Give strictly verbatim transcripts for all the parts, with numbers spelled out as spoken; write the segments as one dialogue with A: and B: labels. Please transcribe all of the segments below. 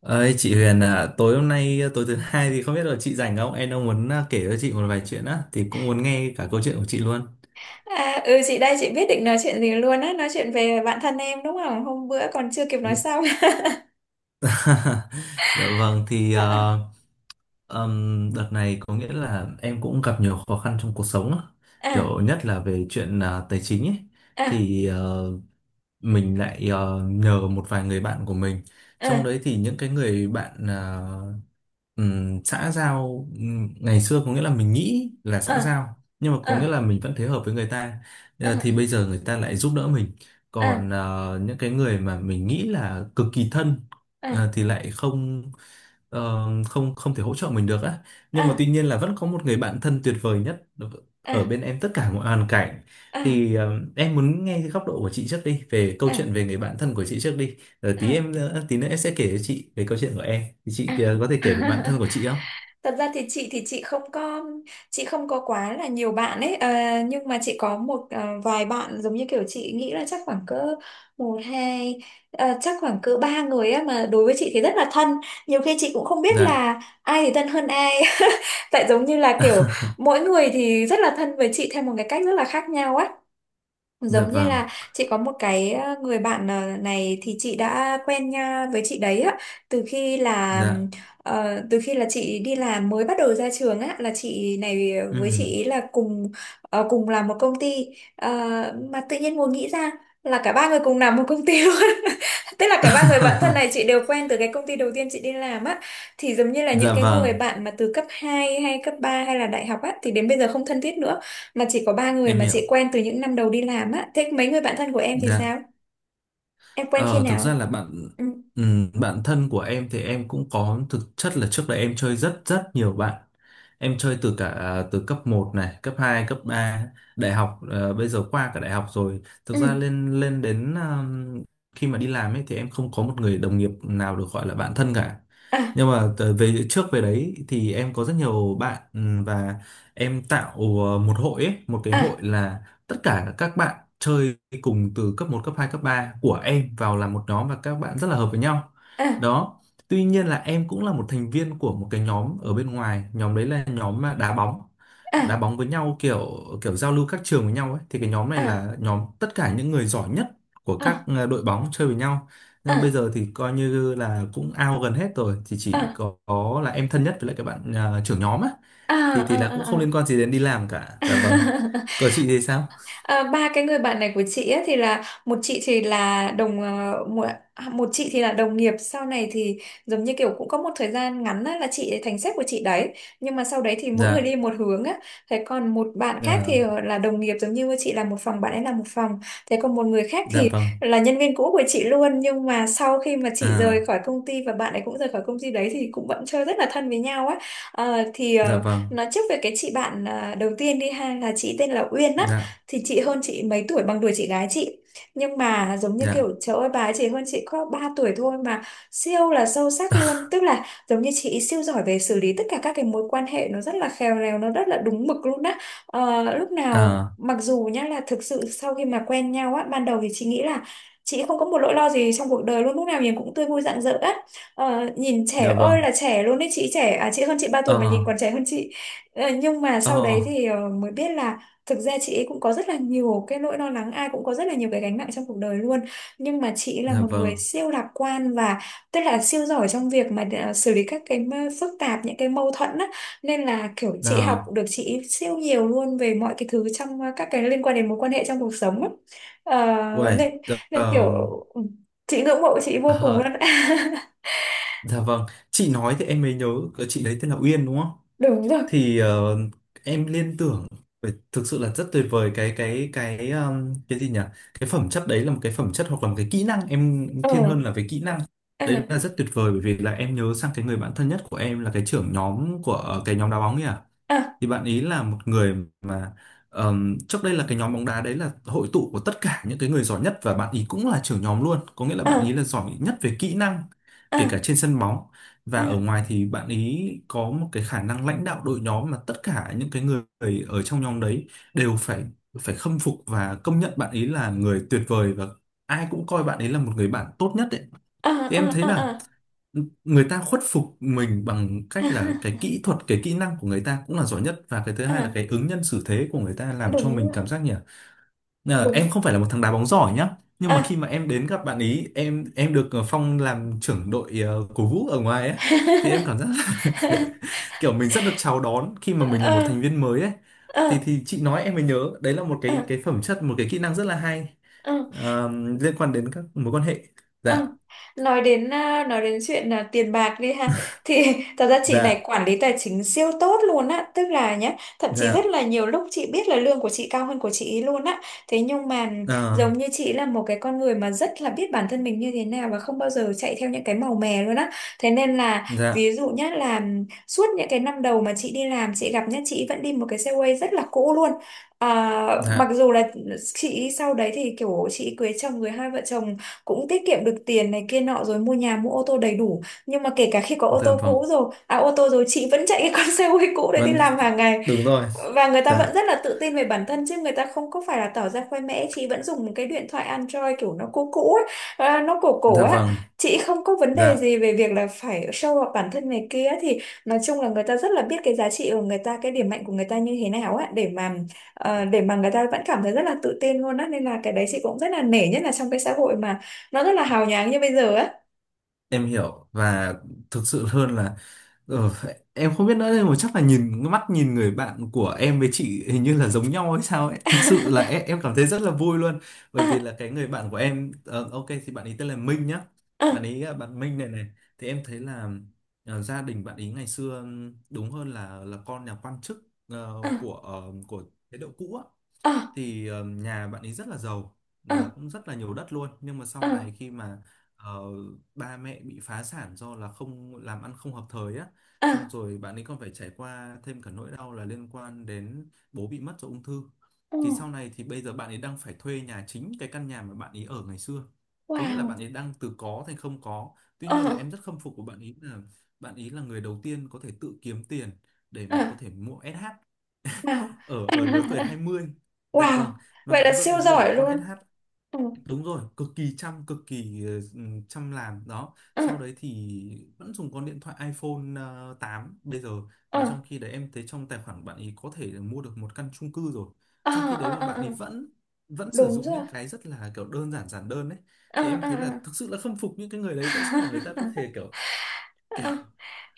A: Ơi chị Huyền à, tối hôm nay tối thứ hai thì không biết là chị rảnh không? Em đang muốn à, kể cho chị một vài chuyện á thì cũng muốn nghe cả câu chuyện của chị luôn.
B: À, ừ, chị đây. Chị biết định nói chuyện gì luôn á, nói chuyện về bạn thân em đúng không, hôm bữa còn chưa kịp nói xong.
A: Dạ vâng thì
B: À,
A: ờ, ừm, đợt này có nghĩa là em cũng gặp nhiều khó khăn trong cuộc sống á.
B: à,
A: Kiểu nhất là về chuyện à, tài chính ấy
B: à,
A: thì ờ, mình lại ờ, nhờ một vài người bạn của mình. Trong
B: à,
A: đấy thì những cái người bạn à, Ừm, xã giao, ừm, ngày xưa có nghĩa là mình nghĩ là xã
B: à,
A: giao nhưng mà có nghĩa
B: à,
A: là mình vẫn thế hợp với người ta. Ờ, thì
B: à,
A: bây giờ người ta lại giúp đỡ mình,
B: à,
A: còn ờ, những cái người mà mình nghĩ là cực kỳ thân,
B: à,
A: ờ, thì lại không, ờ, không không thể hỗ trợ mình được á. Nhưng mà tuy
B: à,
A: nhiên là vẫn có một người bạn thân tuyệt vời nhất ở
B: à,
A: bên em tất cả mọi hoàn cảnh.
B: à,
A: Thì ờ, em muốn nghe cái góc độ của chị trước đi, về câu
B: à,
A: chuyện về người bạn thân của chị trước đi, rồi tí em nữa- tí nữa em sẽ kể cho chị về câu chuyện của em. Thì chị
B: à.
A: ờ, có
B: À.
A: thể kể về bạn thân của chị không?
B: Thật ra thì chị thì chị không có, chị không có quá là nhiều bạn ấy, ờ, nhưng mà chị có một, ờ, vài bạn giống như kiểu chị nghĩ là chắc khoảng cỡ một hai, ờ, chắc khoảng cỡ ba người á, mà đối với chị thì rất là thân, nhiều khi chị cũng không biết
A: Dạ.
B: là ai thì thân hơn ai. Tại giống như là kiểu mỗi người thì rất là thân với chị theo một cái cách rất là khác nhau á.
A: Dạ
B: Giống như
A: vâng.
B: là chị có một cái, ờ, người bạn, ờ, này thì chị đã quen nha với chị đấy á, từ khi là,
A: Dạ.
B: ờ, từ khi là chị đi làm mới bắt đầu ra trường á, là chị này với chị
A: Ừm.
B: ý là cùng, ờ, cùng làm một công ty. Ờ, mà tự nhiên ngồi nghĩ ra là cả ba người cùng làm một công ty luôn. Tức là cả ba người bạn thân này chị đều quen từ cái công ty đầu tiên chị đi làm á, thì giống như là những
A: Dạ
B: cái người
A: vâng,
B: bạn mà từ cấp hai hay cấp ba hay là đại học á thì đến bây giờ không thân thiết nữa, mà chỉ có ba người
A: em
B: mà chị
A: hiểu.
B: quen từ những năm đầu đi làm á. Thế mấy người bạn thân của em thì
A: Dạ.
B: sao? Em quen khi
A: Ờ, Thực ra
B: nào?
A: là bạn
B: Ừ.
A: ừm, bạn thân của em thì em cũng có, thực chất là trước đây em chơi rất rất nhiều bạn. Em chơi từ cả à, từ cấp một này, cấp hai, cấp ba, đại học, ờ, bây giờ qua cả đại học rồi. Thực ra
B: Ừ.
A: lên lên đến ờm, khi mà đi làm ấy thì em không có một người đồng nghiệp nào được gọi là bạn thân cả.
B: À,
A: Nhưng mà tờ- về trước về đấy thì em có rất nhiều bạn, ừm, và em tạo ờ, một hội ấy, một cái hội
B: à,
A: là tất cả các bạn chơi cùng từ cấp một, cấp hai, cấp ba của em vào làm một nhóm, và các bạn rất là hợp với nhau.
B: à,
A: Đó. Tuy nhiên là em cũng là một thành viên của một cái nhóm ở bên ngoài, nhóm đấy là nhóm mà đá bóng. Đá
B: à,
A: bóng với nhau, kiểu kiểu giao lưu các trường với nhau ấy, thì cái nhóm này
B: à,
A: là nhóm tất cả những người giỏi nhất của các
B: à,
A: ờ, đội bóng chơi với nhau. Nhưng mà bây
B: à,
A: giờ thì coi như là cũng out gần hết rồi, thì chỉ
B: à,
A: có, có là em thân nhất với lại các bạn ờ, trưởng nhóm á,
B: à,
A: thì thì là cũng
B: à,
A: không
B: à,
A: liên quan gì đến đi làm cả.
B: à.
A: Dạ vâng. Cờ chị thì sao?
B: À, ba cái người bạn này của chị ấy, thì là một chị thì là đồng, ờ, một, một chị thì là đồng nghiệp, sau này thì giống như kiểu cũng có một thời gian ngắn á, là chị ấy thành sếp của chị đấy, nhưng mà sau đấy thì mỗi người
A: Dạ.
B: đi một hướng á. Thế còn một bạn khác thì,
A: Dạ.
B: ờ, là đồng nghiệp giống như chị, là một phòng bạn ấy là một phòng. Thế còn một người khác
A: Dạ
B: thì
A: vâng.
B: là nhân viên cũ của chị luôn, nhưng mà sau khi mà chị rời
A: À.
B: khỏi công ty và bạn ấy cũng rời khỏi công ty đấy thì cũng vẫn chơi rất là thân với nhau á. Ờ, thì
A: Dạ
B: ờ,
A: vâng.
B: nói trước về cái chị bạn, ờ, đầu tiên đi ha, là chị tên là Uyên á.
A: Dạ.
B: Thì chị hơn chị mấy tuổi, bằng tuổi chị gái chị, nhưng mà giống như kiểu
A: Dạ.
B: trời ơi, bà ấy chỉ hơn chị có ba tuổi thôi mà siêu là sâu sắc luôn. Tức là giống như chị siêu giỏi về xử lý tất cả các cái mối quan hệ, nó rất là khéo léo, nó rất là đúng mực luôn á. Ờ, lúc nào,
A: À.
B: mặc dù nhá, là thực sự sau khi mà quen nhau á ban đầu thì chị nghĩ là chị không có một nỗi lo gì trong cuộc đời luôn, lúc nào nhìn cũng tươi vui rạng rỡ á. Ờ, nhìn
A: Dạ
B: trẻ ơi
A: vâng.
B: là trẻ luôn đấy, chị trẻ à, chị hơn chị ba
A: Ờ.
B: tuổi mà nhìn còn trẻ hơn chị. Ờ, nhưng mà
A: Ờ.
B: sau đấy thì, ờ, mới biết là thực ra chị ấy cũng có rất là nhiều cái nỗi lo lắng, ai cũng có rất là nhiều cái gánh nặng trong cuộc đời luôn. Nhưng mà chị ấy là
A: Dạ
B: một người
A: vâng.
B: siêu lạc quan, và tức là siêu giỏi trong việc mà, à, xử lý các cái mơ- phức tạp, những cái mâu thuẫn á. Nên là kiểu chị học
A: À.
B: được chị ấy siêu nhiều luôn về mọi cái thứ trong, à, các cái liên quan đến mối quan hệ trong cuộc sống á. Ờ,
A: Uầy.
B: nên,
A: Dạ,
B: nên kiểu
A: ờm,
B: ừ, chị ngưỡng mộ chị vô cùng luôn.
A: ờ, dạ vâng, chị nói thì em mới nhớ, cái chị đấy tên là Uyên đúng không?
B: Đúng rồi.
A: Thì ờ, em liên tưởng về- thực sự là rất tuyệt vời, cái cái cái ờm, cái gì nhỉ, cái phẩm chất đấy là một cái phẩm chất hoặc là một cái kỹ năng, em thiên
B: Ừ.
A: hơn là về kỹ năng,
B: À,
A: đấy là rất tuyệt vời. Bởi vì là em nhớ sang cái người bạn thân nhất của em là cái trưởng nhóm của ờ, cái nhóm đá bóng nhỉ,
B: à,
A: thì bạn ý là một người mà ờm, trước đây là cái nhóm bóng đá đấy là hội tụ của tất cả những cái người giỏi nhất, và bạn ý cũng là trưởng nhóm luôn, có nghĩa là bạn ý
B: à,
A: là giỏi nhất về kỹ năng, kể cả
B: à,
A: trên sân bóng. Và
B: à,
A: ở ngoài thì bạn ý có một cái khả năng lãnh đạo đội nhóm mà tất cả những cái người ở trong nhóm đấy đều phải phải khâm phục và công nhận bạn ý là người tuyệt vời, và ai cũng coi bạn ấy là một người bạn tốt nhất ấy.
B: à,
A: Thì
B: à,
A: em thấy
B: à,
A: là
B: à,
A: người ta khuất phục mình bằng cách là cái
B: à,
A: kỹ thuật, cái kỹ năng của người ta cũng là giỏi nhất, và cái thứ hai là
B: à,
A: cái ứng nhân xử thế của người ta làm cho
B: đúng
A: mình
B: rồi.
A: cảm giác nhỉ, là em
B: Đúng.
A: không phải là một thằng đá bóng giỏi nhá, nhưng
B: Ờ.
A: mà khi mà em đến gặp bạn ý, em em được ờ, Phong làm trưởng đội, ờ, cổ vũ ở ngoài ấy, thì em cảm giác là kiểu mình rất được chào đón khi mà mình là
B: Ờ,
A: một thành viên mới ấy.
B: ờ,
A: Thì thì chị nói em mới nhớ, đấy là một
B: ờ,
A: cái cái phẩm chất, một cái kỹ năng rất là hay,
B: ờ.
A: ờ, liên quan đến các mối quan hệ.
B: Ờ,
A: Dạ.
B: nói đến, à, nói đến chuyện là tiền bạc đi ha, thì thật ra chị
A: Dạ.
B: này quản lý tài chính siêu tốt luôn á. Tức là nhá, thậm chí rất
A: Dạ.
B: là nhiều lúc chị biết là lương của chị cao hơn của chị ấy luôn á. Thế nhưng mà
A: Ờ.
B: giống như chị là một cái con người mà rất là biết bản thân mình như thế nào, và không bao giờ chạy theo những cái màu mè luôn á. Thế nên là,
A: Dạ.
B: ví dụ nhá là suốt những cái năm đầu mà chị đi làm chị gặp nhá, chị vẫn đi một cái xe quay rất là cũ luôn. À, mặc
A: Dạ.
B: dù là chị sau đấy thì kiểu chị cưới chồng, người hai vợ chồng cũng tiết kiệm được tiền này kia nọ, rồi mua nhà mua ô tô đầy đủ, nhưng mà kể cả khi có ô
A: Dạ
B: tô
A: vâng,
B: cũ rồi, à ô tô rồi, chị vẫn chạy cái con xe hơi cũ đấy đi
A: vâng.
B: làm hàng ngày.
A: Đúng rồi.
B: Và người ta vẫn
A: Dạ.
B: rất là tự tin về bản thân, chứ người ta không có phải là tỏ ra khoe mẽ. Chị vẫn dùng một cái điện thoại Android kiểu nó cũ cũ ấy, à, nó cổ cổ
A: Dạ
B: á.
A: vâng.
B: Chị không có vấn đề
A: Dạ,
B: gì về việc là phải show off bản thân này kia. Thì nói chung là người ta rất là biết cái giá trị của người ta, cái điểm mạnh của người ta như thế nào á, để mà, ờ, để mà người ta vẫn cảm thấy rất là tự tin luôn á. Nên là cái đấy chị cũng rất là nể, nhất là trong cái xã hội mà nó rất là hào nhoáng như bây giờ á.
A: em hiểu, và thực sự hơn là ờ, em không biết nữa, nhưng mà chắc là nhìn mắt nhìn người bạn của em với chị hình như là giống nhau hay sao ấy, thực sự là em, em cảm thấy rất là vui luôn, bởi
B: À,
A: vì là cái người bạn của em, ờ, ok, thì bạn ấy tên là Minh nhá, bạn ấy là bạn Minh này này. Thì em thấy là ờ, gia đình bạn ấy ngày xưa, ừm, đúng hơn là là con nhà quan chức ờ,
B: à,
A: của ờ, của chế độ cũ á.
B: à,
A: Thì ờ, nhà bạn ấy rất là giàu và
B: à,
A: cũng rất là nhiều đất luôn, nhưng mà
B: à,
A: sau
B: à,
A: này khi mà ờ, ba mẹ bị phá sản do là không làm ăn, không hợp thời á, xong
B: à,
A: rồi bạn ấy còn phải trải qua thêm cả nỗi đau là liên quan đến bố bị mất do ung thư.
B: à,
A: Thì sau này thì bây giờ bạn ấy đang phải thuê nhà, chính cái căn nhà mà bạn ấy ở ngày xưa, có nghĩa là
B: wow,
A: bạn ấy đang từ có thành không có. Tuy nhiên là
B: à,
A: em rất khâm phục của bạn ấy là bạn ấy là người đầu tiên có thể tự kiếm tiền để mà có
B: à.
A: thể mua es hát
B: Wow.
A: ở ở lứa tuổi hai mươi Dạ
B: Wow.
A: vâng. Mà
B: Vậy
A: bạn
B: là
A: có thể
B: siêu
A: mua được
B: giỏi
A: con
B: luôn.
A: ét hát,
B: Ừ.
A: đúng rồi, cực kỳ chăm, cực kỳ ờ, ừ, chăm làm đó.
B: Ừ.
A: Sau đấy thì vẫn dùng con điện thoại iPhone ờ, tám bây giờ,
B: Ừ.
A: mà trong khi đấy em thấy trong tài khoản bạn ấy có thể là mua được một căn chung cư rồi,
B: Ờ,
A: trong khi
B: ờ,
A: đấy mà
B: ờ,
A: bạn
B: ờ.
A: ấy vẫn vẫn sử
B: Đúng
A: dụng
B: rồi.
A: những cái rất là kiểu đơn giản, giản đơn đấy.
B: Ờ,
A: Thì em
B: ờ,
A: thấy là thực sự là khâm phục những cái người
B: ờ.
A: đấy, tại sao mà người ta có thể kiểu kiểu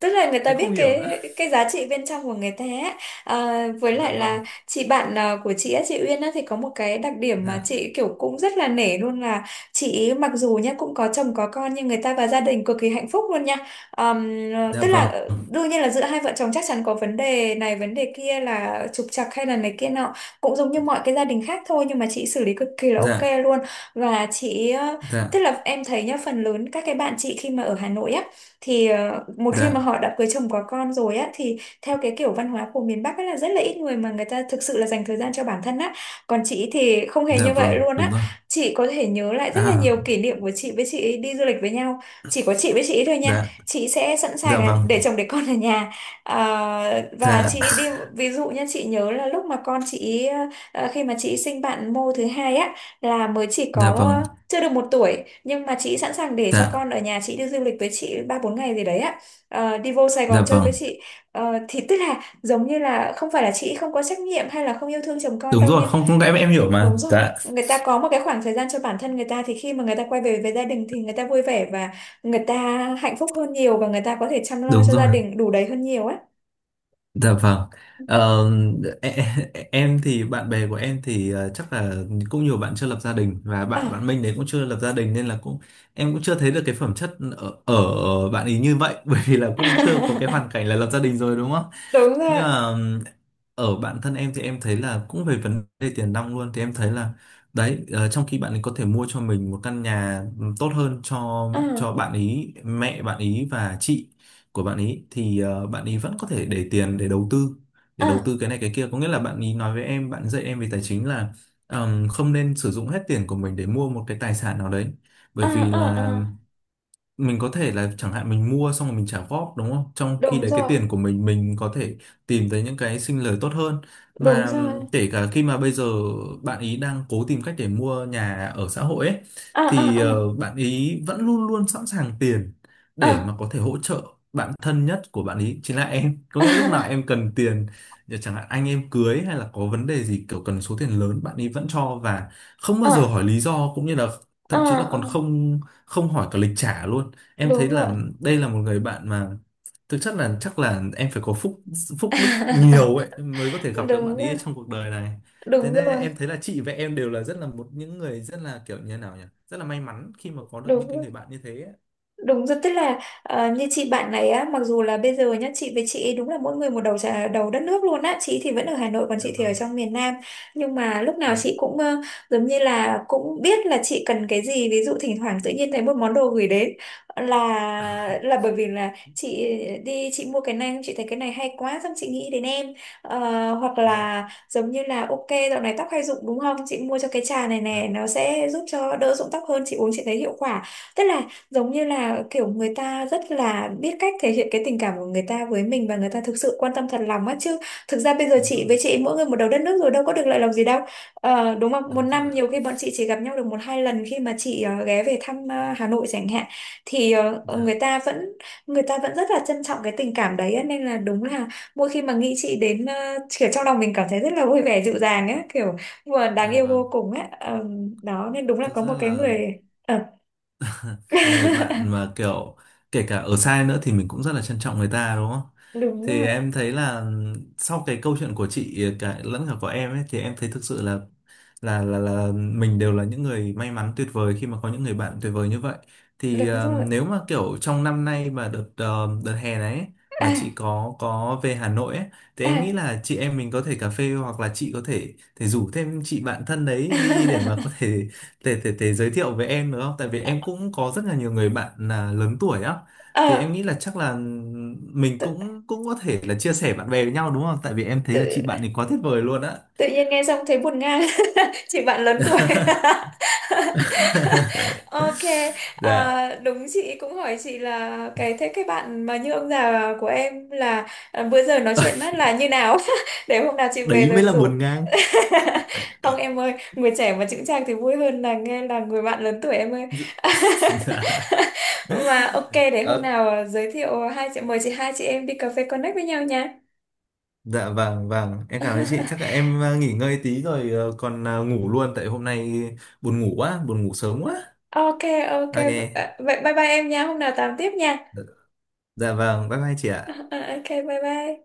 B: Tức là người ta
A: em không
B: biết
A: hiểu nữa.
B: cái cái giá trị bên trong của người ta ấy. À, với
A: Dạ
B: lại
A: vâng.
B: là chị bạn, à, của chị á, chị Uyên á, thì có một cái đặc điểm mà
A: Dạ.
B: chị kiểu cũng rất là nể luôn, là chị mặc dù nhá cũng có chồng có con, nhưng người ta và gia đình cực kỳ hạnh phúc luôn nha. Ờm, ờ,
A: Dạ
B: tức là,
A: vâng.
B: ờ, đương nhiên là giữa hai vợ chồng chắc chắn có vấn đề này vấn đề kia, là trục trặc hay là này kia nọ, cũng giống như mọi cái gia đình khác thôi, nhưng mà chị xử lý cực kỳ là ok
A: Dạ.
B: luôn. Và chị, ờ, tức
A: Dạ.
B: là em thấy nhá, phần lớn các cái bạn chị khi mà ở Hà Nội á, thì ờ, một khi mà
A: Dạ.
B: họ đã cưới chồng có con rồi á, thì theo cái kiểu văn hóa của miền Bắc á là rất là ít người mà người ta thực sự là dành thời gian cho bản thân á. Còn chị thì không hề
A: Dạ
B: như vậy
A: vâng,
B: luôn
A: đúng
B: á.
A: rồi.
B: Chị có thể nhớ lại rất là nhiều
A: À.
B: kỷ niệm của chị với chị ấy đi du lịch với nhau, chỉ có chị với chị ấy thôi nha.
A: Dạ.
B: Chị sẽ sẵn sàng
A: Dạ
B: là
A: vâng.
B: để chồng để con ở nhà. Ờ, và
A: Dạ.
B: chị ấy đi. Ví dụ nha, chị nhớ là lúc mà con chị ấy, ờ, khi mà chị ấy sinh bạn mô thứ hai á, là mới chỉ
A: Dạ
B: có
A: vâng.
B: chưa được một tuổi, nhưng mà chị sẵn sàng để cho
A: Dạ.
B: con ở nhà, chị đi du lịch với chị ba bốn ngày gì đấy á. Ờ, đi vô Sài
A: Dạ
B: Gòn chơi với
A: vâng.
B: chị. Ờ, thì tức là giống như là không phải là chị không có trách nhiệm hay là không yêu thương chồng con
A: Đúng
B: đâu,
A: rồi,
B: nhưng
A: không, không, em em hiểu mà.
B: đúng rồi,
A: Dạ,
B: người ta có một cái khoảng thời gian cho bản thân người ta, thì khi mà người ta quay về với gia đình thì người ta vui vẻ, và người ta hạnh phúc hơn nhiều, và người ta có thể chăm lo
A: đúng
B: cho gia
A: rồi,
B: đình đủ đầy hơn nhiều á.
A: dạ vâng. Ờ, em, em thì bạn bè của em thì ờ, chắc là cũng nhiều bạn chưa lập gia đình, và
B: Ờ.
A: bạn bạn Minh đấy cũng chưa lập gia đình nên là cũng em cũng chưa thấy được cái phẩm chất ở, ở bạn ấy như vậy bởi vì là cũng chưa có cái hoàn cảnh là lập gia đình rồi, đúng không?
B: Đúng
A: Nhưng
B: rồi.
A: mà ở bản thân em thì em thấy là cũng về vấn đề tiền nong luôn, thì em thấy là đấy, ờ, trong khi bạn ấy có thể mua cho mình một căn nhà tốt hơn cho
B: Ờ,
A: cho bạn ý, mẹ bạn ý và chị của bạn ý, thì ờ, bạn ý vẫn có thể để tiền để đầu tư, để đầu
B: ờ,
A: tư cái này cái kia, có nghĩa là bạn ý nói với em, bạn dạy em về tài chính là ừm, không nên sử dụng hết tiền của mình để mua một cái tài sản nào đấy, bởi
B: ờ,
A: vì
B: ờ, ờ.
A: là mình có thể là chẳng hạn mình mua xong rồi mình trả góp, đúng không? Trong khi
B: Đúng
A: đấy cái
B: rồi,
A: tiền của mình mình có thể tìm thấy những cái sinh lời tốt hơn.
B: đúng
A: Và
B: rồi.
A: kể cả khi mà bây giờ bạn ý đang cố tìm cách để mua nhà ở xã hội ấy,
B: Ờ, ờ,
A: thì
B: ờ,
A: ờ, bạn ý vẫn luôn luôn sẵn sàng tiền
B: ờ.
A: để mà có thể hỗ trợ bạn thân nhất của bạn ý, chính là em. Có nghĩa lúc nào em cần tiền, ờ, chẳng hạn anh em cưới hay là có vấn đề gì kiểu cần số tiền lớn, bạn ý vẫn cho và không bao giờ
B: À,
A: hỏi lý do, cũng như là
B: à,
A: thậm chí là còn
B: à,
A: không không hỏi cả lịch trả luôn. Em thấy
B: đúng
A: là
B: rồi.
A: đây là một người bạn mà thực chất là chắc là em phải có phúc, phúc đức nhiều ấy mới có thể gặp được bạn
B: Đúng
A: ấy ở
B: rồi,
A: trong cuộc đời này. Thế
B: đúng
A: nên
B: rồi,
A: em thấy là chị và em đều là rất là một những người rất là kiểu như nào nhỉ, rất là may mắn khi mà có được
B: đúng
A: những cái
B: rồi.
A: người bạn như thế ấy.
B: Đúng rồi, tức là, ờ, như chị bạn này á, mặc dù là bây giờ nhá, chị với chị ấy đúng là mỗi người một đầu trà, đầu đất nước luôn á, chị thì vẫn ở Hà Nội còn
A: Dạ
B: chị thì ở
A: vâng.
B: trong miền Nam. Nhưng mà lúc nào
A: Dạ.
B: chị cũng, ờ, giống như là cũng biết là chị cần cái gì. Ví dụ thỉnh thoảng tự nhiên thấy một món đồ gửi đến, là là bởi vì là chị đi chị mua cái này, chị thấy cái này hay quá, xong chị nghĩ đến em. Ờ, hoặc
A: Dạ.
B: là giống như là ok, dạo này tóc hay rụng đúng không? Chị mua cho cái trà này nè,
A: Dạ.
B: nó sẽ giúp cho đỡ rụng tóc hơn, chị uống chị thấy hiệu quả. Tức là giống như là kiểu người ta rất là biết cách thể hiện cái tình cảm của người ta với mình, và người ta thực sự quan tâm thật lòng á. Chứ thực ra bây giờ
A: Đúng
B: chị
A: rồi.
B: với chị mỗi người một đầu đất nước rồi, đâu có được lợi lòng gì đâu. Ờ, đúng không, một
A: Đúng
B: năm
A: rồi ạ.
B: nhiều khi bọn chị chỉ gặp nhau được một hai lần, khi mà chị ờ, ghé về thăm, ờ, Hà Nội chẳng hạn, thì ờ, ờ, người
A: Dạ.
B: ta vẫn, người ta vẫn rất là trân trọng cái tình cảm đấy á. Nên là đúng là mỗi khi mà nghĩ chị đến, ờ, kiểu trong lòng mình cảm thấy rất là vui vẻ dịu dàng á, kiểu vừa đáng
A: Dạ
B: yêu
A: vâng.
B: vô cùng á. Ờ, đó, nên đúng là
A: Thực
B: có một
A: ra
B: cái
A: là
B: người, ờ.
A: một người bạn mà kiểu kể cả ở sai nữa thì mình cũng rất là trân trọng người ta đúng không?
B: Đúng
A: Thì
B: rồi,
A: em thấy là sau cái câu chuyện của chị cả lẫn cả của em ấy, thì em thấy thực sự là là là là mình đều là những người may mắn tuyệt vời khi mà có những người bạn tuyệt vời như vậy. Thì
B: đúng
A: ờ,
B: rồi.
A: nếu mà kiểu trong năm nay, mà đợt ờ, đợt hè này ấy, mà
B: À,
A: chị có có về Hà Nội ấy, thì em nghĩ
B: à.
A: là chị em mình có thể cà phê, hoặc là chị có thể thể rủ thêm chị bạn thân đấy đi để mà có thể thể thể thể giới thiệu với em được không? Tại vì em cũng có rất là nhiều người bạn là lớn tuổi á. Thì
B: Ờ,
A: em nghĩ là chắc là mình
B: tự,
A: cũng cũng có thể là chia sẻ bạn bè với nhau đúng không? Tại vì em thấy là chị
B: tự,
A: bạn thì quá tuyệt vời luôn á.
B: tự nhiên nghe xong thấy buồn ngang. Chị bạn lớn tuổi. Ok.
A: Dạ,
B: À, đúng, chị cũng hỏi chị là cái, thế cái bạn mà như ông già của em là, à, bữa giờ nói chuyện á là như nào. Để hôm nào chị về
A: đấy
B: rồi
A: mới là
B: rủ.
A: buồn ngang.
B: Không em ơi, người trẻ mà chững chạc thì vui hơn là nghe là người bạn lớn tuổi em ơi.
A: Dạ.
B: Mà ok, để hôm
A: Ờ,
B: nào, ờ, giới thiệu, hai chị mời chị, hai chị em đi cà phê connect với nhau nha.
A: dạ vâng vâng, em cảm ơn chị. Chắc là em ờ, nghỉ ngơi tí rồi, ờ, còn ờ, ngủ luôn tại hôm nay buồn ngủ quá, buồn ngủ sớm quá.
B: Ok, ok,
A: Ok.
B: vậy bye bye em nha, hôm nào tám tiếp nha.
A: Dạ vâng, bye bye chị ạ.
B: Ok bye bye.